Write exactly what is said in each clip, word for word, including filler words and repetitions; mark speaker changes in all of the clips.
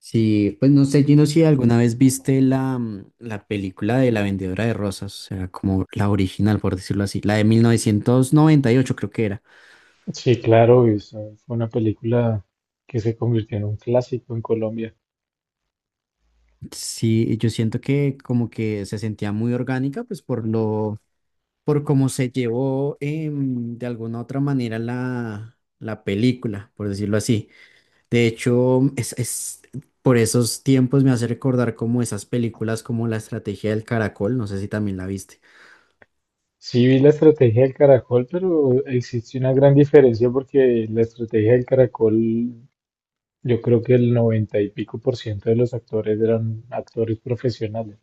Speaker 1: Sí, pues no sé, Gino, si alguna vez viste la, mm, la película de La Vendedora de Rosas, o sea, como la original, por decirlo así, la de mil novecientos noventa y ocho, creo que era.
Speaker 2: Sí, claro, y esa fue una película que se convirtió en un clásico en Colombia.
Speaker 1: Sí, yo siento que como que se sentía muy orgánica, pues por lo, por cómo se llevó em, de alguna otra manera la, la película, por decirlo así. De hecho, mm, es, es, por esos tiempos me hace recordar como esas películas como La Estrategia del Caracol, no sé si también la viste.
Speaker 2: Sí vi la estrategia del caracol, pero existe una gran diferencia porque la estrategia del caracol, yo creo que el noventa y pico por ciento de los actores eran actores profesionales.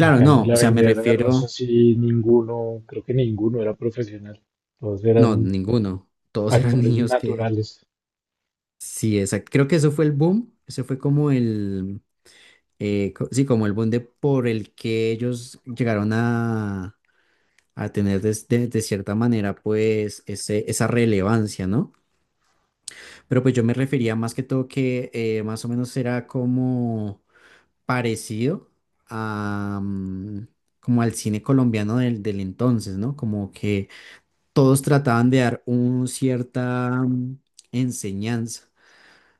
Speaker 2: En cambio, en
Speaker 1: no,
Speaker 2: la
Speaker 1: o sea, me
Speaker 2: vendedora de
Speaker 1: refiero.
Speaker 2: rosas sí ninguno, creo que ninguno era profesional. Todos
Speaker 1: No,
Speaker 2: eran
Speaker 1: ninguno. Todos eran
Speaker 2: actores
Speaker 1: niños que.
Speaker 2: naturales.
Speaker 1: Sí, exacto. Creo que eso fue el boom. Ese fue como el. Eh, co- sí, como el boom de por el que ellos llegaron a, a tener des- de, de cierta manera, pues, ese, esa relevancia, ¿no? Pero pues yo me refería más que todo que eh, más o menos era como parecido a, mm, como al cine colombiano del, del entonces, ¿no? Como que todos trataban de dar un cierta mm, enseñanza.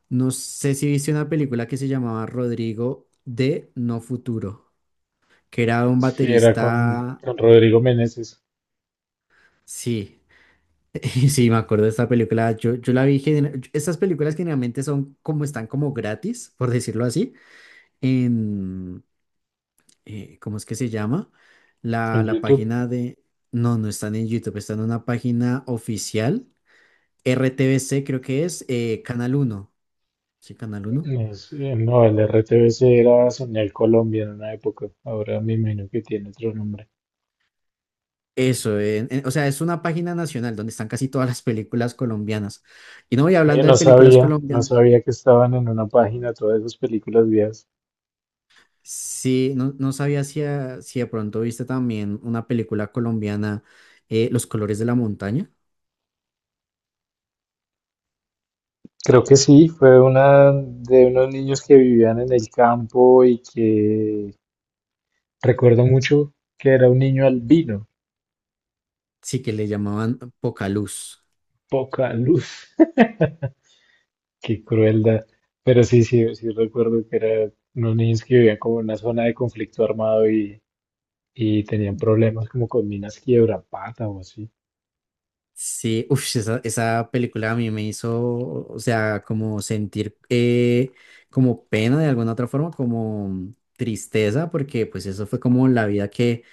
Speaker 1: No sé si viste una película que se llamaba Rodrigo de No Futuro, que era un
Speaker 2: Sí, era con,
Speaker 1: baterista.
Speaker 2: con Rodrigo Meneses.
Speaker 1: Sí, sí, me acuerdo de esta película. Yo, yo la vi. gener- Estas películas generalmente son como están como gratis, por decirlo así, en. Eh, ¿cómo es que se llama?
Speaker 2: En
Speaker 1: La, la
Speaker 2: YouTube.
Speaker 1: página de. No, no están en YouTube, están en una página oficial. R T B C creo que es eh, Canal Uno. Sí, ¿Canal Uno?
Speaker 2: Eh, sí, no, el R T B C era Señal Colombia en una época. Ahora me imagino que tiene otro nombre.
Speaker 1: Eso, en- en- o sea, es una página nacional donde están casi todas las películas colombianas. Y no voy
Speaker 2: Yo
Speaker 1: hablando de
Speaker 2: no
Speaker 1: películas
Speaker 2: sabía, no
Speaker 1: colombianas.
Speaker 2: sabía que estaban en una página todas esas películas viejas.
Speaker 1: Sí, no, no sabía si, a- si de pronto viste también una película colombiana, eh, Los colores de la montaña.
Speaker 2: Creo que sí, fue una de unos niños que vivían en el campo y que recuerdo mucho que era un niño albino.
Speaker 1: Sí, que le llamaban Poca Luz.
Speaker 2: Poca luz. Qué crueldad. Pero sí, sí, sí recuerdo que eran unos niños que vivían como en una zona de conflicto armado y, y tenían problemas como con minas Quiebrapata o así.
Speaker 1: Sí, uff, esa, esa película a mí me hizo, o sea, como sentir eh, como pena de alguna otra forma, como tristeza, porque pues eso fue como la vida que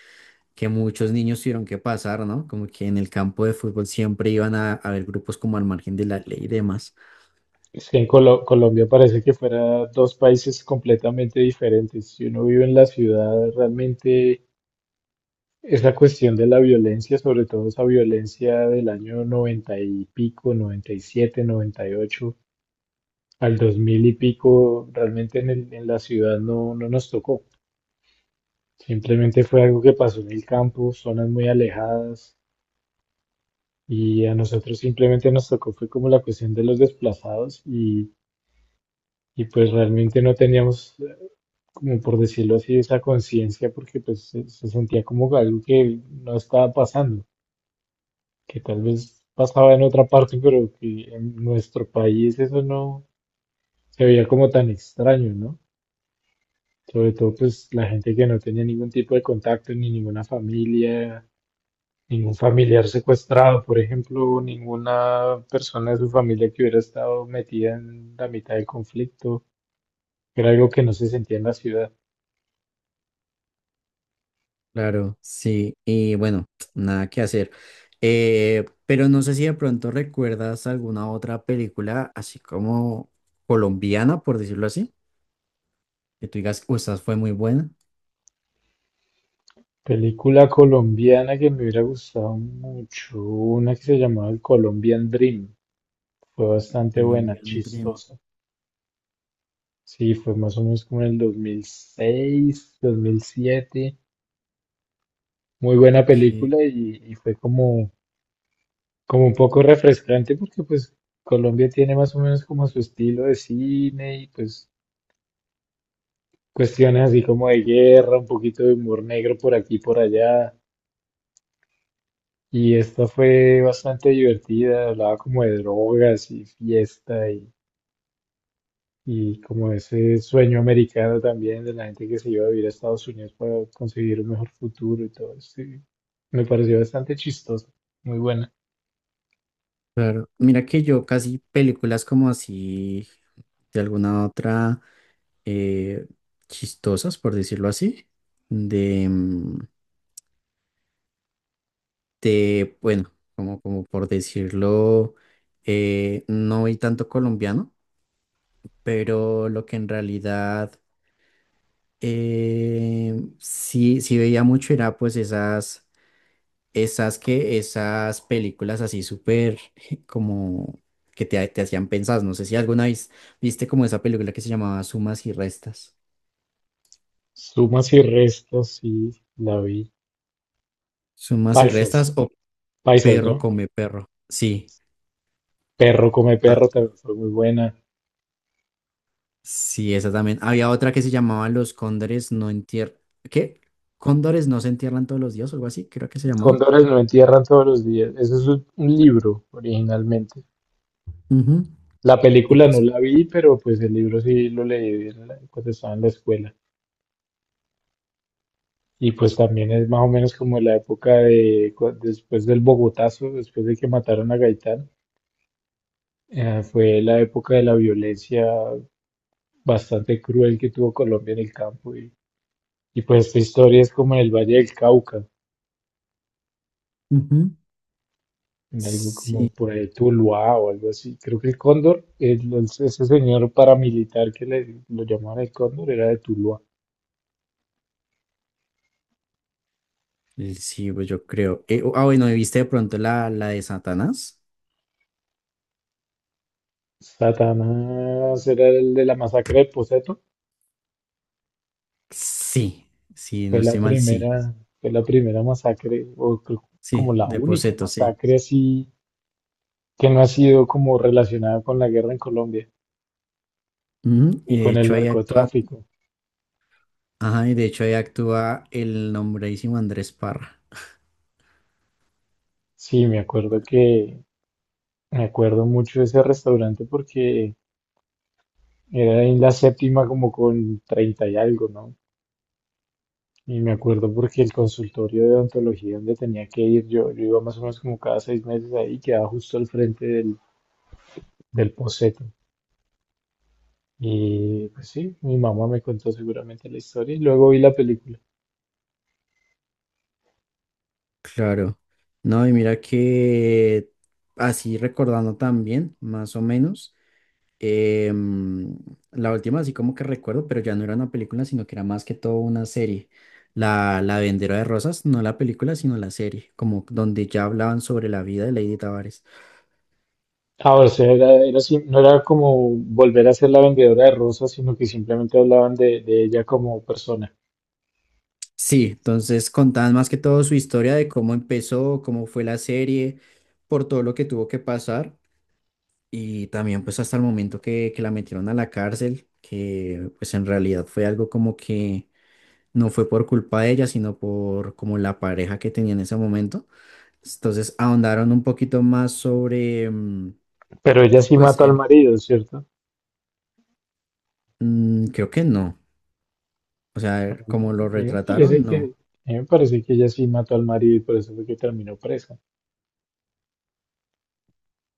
Speaker 1: que muchos niños tuvieron que pasar, ¿no? Como que en el campo de fútbol siempre iban a a haber grupos como al margen de la ley y demás.
Speaker 2: Es que en Colo- Colombia parece que fuera dos países completamente diferentes. Si uno vive en la ciudad, realmente esa cuestión de la violencia, sobre todo esa violencia del año noventa y pico, noventa, noventa y siete, noventa y ocho, al dos mil y pico, realmente en el- en la ciudad no, no nos tocó. Simplemente fue algo que pasó en el campo, zonas muy alejadas, y a nosotros simplemente nos tocó, fue como la cuestión de los desplazados, y, y pues realmente no teníamos, eh, como por decirlo así, esa conciencia, porque pues se, se sentía como algo que no estaba pasando, que tal vez pasaba en otra parte, pero que en nuestro país eso no se veía como tan extraño, ¿no? Sobre todo, pues la gente que no tenía ningún tipo de contacto, ni ninguna familia, ningún familiar secuestrado, por ejemplo, ninguna persona de su familia que hubiera estado metida en la mitad del conflicto. Era algo que no se sentía en la ciudad.
Speaker 1: Claro, sí, y bueno, nada que hacer. Eh, pero no sé si de pronto recuerdas alguna otra película así como colombiana, por decirlo así, que tú digas, o esta fue muy buena.
Speaker 2: Película colombiana que me hubiera gustado mucho, una que se llamaba El Colombian Dream. Fue bastante buena,
Speaker 1: Colombian Dream,
Speaker 2: chistosa. Sí, fue más o menos como en el dos mil seis, dos mil siete. Muy buena
Speaker 1: ok.
Speaker 2: película y, y fue como como un poco refrescante porque pues Colombia tiene más o menos como su estilo de cine y pues cuestiones así como de guerra, un poquito de humor negro por aquí y por allá. Y esta fue bastante divertida, hablaba como de drogas y fiesta y, y como ese sueño americano también de la gente que se iba a vivir a Estados Unidos para conseguir un mejor futuro y todo eso, y me pareció bastante chistoso, muy buena.
Speaker 1: Claro, mira que yo casi películas como así de alguna otra. eh, Chistosas, por decirlo así, de, mm, de, bueno, como, como por decirlo, eh, no vi tanto colombiano, pero lo que en realidad eh, sí, sí veía mucho era pues esas, esas que, esas películas así súper como que te, te hacían pensar, no sé si alguna vez viste como esa película que se llamaba Sumas y Restas,
Speaker 2: Sumas y restas, sí, la vi.
Speaker 1: Sumas y Restas
Speaker 2: Paisas,
Speaker 1: o
Speaker 2: paisas,
Speaker 1: Perro
Speaker 2: ¿no?
Speaker 1: come perro, sí.
Speaker 2: Perro come
Speaker 1: Ah,
Speaker 2: perro también fue muy buena.
Speaker 1: sí, esa también. Había otra que se llamaba Los Cóndores no entierran. ¿Qué? ¿Cóndores no se entierran todos los días o algo así? Creo que se llamaba.
Speaker 2: Cóndores no entierran todos los días. Eso es un un libro originalmente.
Speaker 1: Ujú.
Speaker 2: La
Speaker 1: Y
Speaker 2: película no
Speaker 1: pues.
Speaker 2: la vi, pero pues el libro sí lo leí en la- cuando estaba en la escuela. Y pues también es más o menos como la época de cu- después del Bogotazo, después de que mataron a Gaitán. eh, fue la época de la violencia bastante cruel que tuvo Colombia en el campo. Y, y pues esta historia es como en el Valle del Cauca.
Speaker 1: Ujú.
Speaker 2: En algo como
Speaker 1: Sí.
Speaker 2: por ahí Tuluá o algo así. Creo que el Cóndor, el- el- ese señor paramilitar que le, lo llamaban el Cóndor, era de Tuluá.
Speaker 1: el- Sí, pues yo creo. Eh, ah, bueno, ¿y viste de pronto la, la de Satanás?
Speaker 2: Satanás era el de la masacre de Poseto.
Speaker 1: Sí, sí,
Speaker 2: Fue
Speaker 1: no
Speaker 2: la
Speaker 1: estoy mal, sí.
Speaker 2: primera, fue la primera masacre, o creo que como
Speaker 1: Sí,
Speaker 2: la
Speaker 1: de
Speaker 2: única
Speaker 1: Poseto, sí.
Speaker 2: masacre así que no ha sido como relacionada con la guerra en Colombia
Speaker 1: Ujú. Y
Speaker 2: ni
Speaker 1: de
Speaker 2: con el
Speaker 1: hecho ahí actúa,
Speaker 2: narcotráfico.
Speaker 1: ajá, y de hecho ahí actúa el nombradísimo Andrés Parra.
Speaker 2: Sí, me acuerdo que, me acuerdo mucho de ese restaurante porque era en la séptima como con treinta y algo, ¿no? Y me acuerdo porque el consultorio de odontología donde tenía que ir, yo, yo iba más o menos como cada seis meses ahí, quedaba justo al frente del, del Poseto. Y pues sí, mi mamá me contó seguramente la historia y luego vi la película.
Speaker 1: Claro. No, y mira que así recordando también, más o menos, em, la última así como que recuerdo, pero ya no era una película, sino que era más que todo una serie. La, la Vendedora de Rosas, no la película, sino la serie, como donde ya hablaban sobre la vida de Lady Tavares.
Speaker 2: Ahora, o sea, era, era así, no era como volver a ser la vendedora de rosas, sino que simplemente hablaban de, de ella como persona.
Speaker 1: Sí, entonces contaban más que todo su historia de cómo empezó, cómo fue la serie, por todo lo que tuvo que pasar. Y también pues hasta el momento que, que la metieron a la cárcel, que pues en realidad fue algo como que no fue por culpa de ella, sino por como la pareja que tenía en ese momento. Entonces ahondaron un poquito más sobre, mm,
Speaker 2: Pero ella sí
Speaker 1: pues
Speaker 2: mató al
Speaker 1: él,
Speaker 2: marido, ¿cierto?
Speaker 1: mm, creo que no. O
Speaker 2: A
Speaker 1: sea,
Speaker 2: mí
Speaker 1: como lo
Speaker 2: me parece
Speaker 1: retrataron,
Speaker 2: que,
Speaker 1: no.
Speaker 2: a mí me parece que ella sí mató al marido y por eso fue que terminó presa.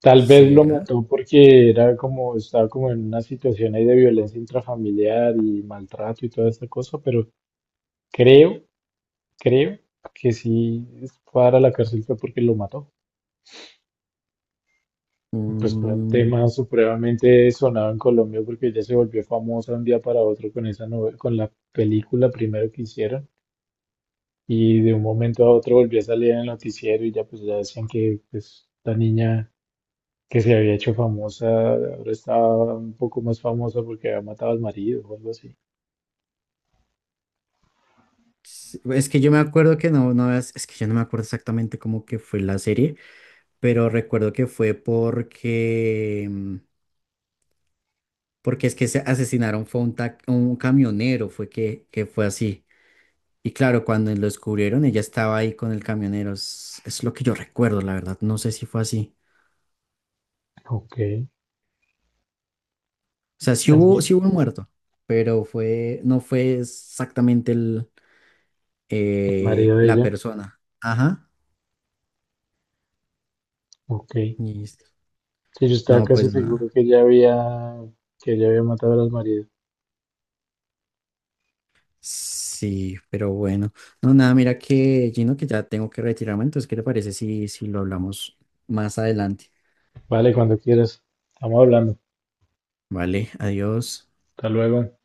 Speaker 2: Tal vez lo
Speaker 1: ¿Será?
Speaker 2: mató porque era como, estaba como en una situación ahí de violencia intrafamiliar y maltrato y toda esta cosa, pero creo, creo que sí fue a la cárcel fue porque lo mató. Y Pues fue un tema
Speaker 1: Mm,
Speaker 2: supremamente sonado en Colombia porque ella se volvió famosa un día para otro con esa novela, con la película primero que hicieron y de un momento a otro volvió a salir en el noticiero y ya pues ya decían que pues, esta niña que se había hecho famosa, ahora está un poco más famosa porque había matado al marido o algo así.
Speaker 1: sí, es que yo me acuerdo que no, no, es, es que yo no me acuerdo exactamente cómo que fue la serie, pero recuerdo que fue porque... mm, porque es que se asesinaron fue un, tac- un camionero, fue que, que fue así. Y claro, cuando lo descubrieron, ella estaba ahí con el camionero. Es, es lo que yo recuerdo, la verdad. No sé si fue así.
Speaker 2: Ok,
Speaker 1: O sea, sí
Speaker 2: a
Speaker 1: hubo,
Speaker 2: mí,
Speaker 1: sí hubo un muerto, pero fue, no fue exactamente el,
Speaker 2: el
Speaker 1: eh,
Speaker 2: marido de
Speaker 1: la
Speaker 2: ella,
Speaker 1: persona. Ajá.
Speaker 2: ok. Sí,
Speaker 1: Listo.
Speaker 2: yo estaba
Speaker 1: No,
Speaker 2: casi
Speaker 1: pues
Speaker 2: seguro
Speaker 1: nada.
Speaker 2: que ella había, que ella había matado al marido.
Speaker 1: Sí, pero bueno. No, nada, mira que, Gino, que ya tengo que retirarme. Entonces, ¿qué te parece si, si lo hablamos más adelante?
Speaker 2: Vale, cuando quieras. Estamos hablando.
Speaker 1: Vale, adiós.
Speaker 2: Hasta luego.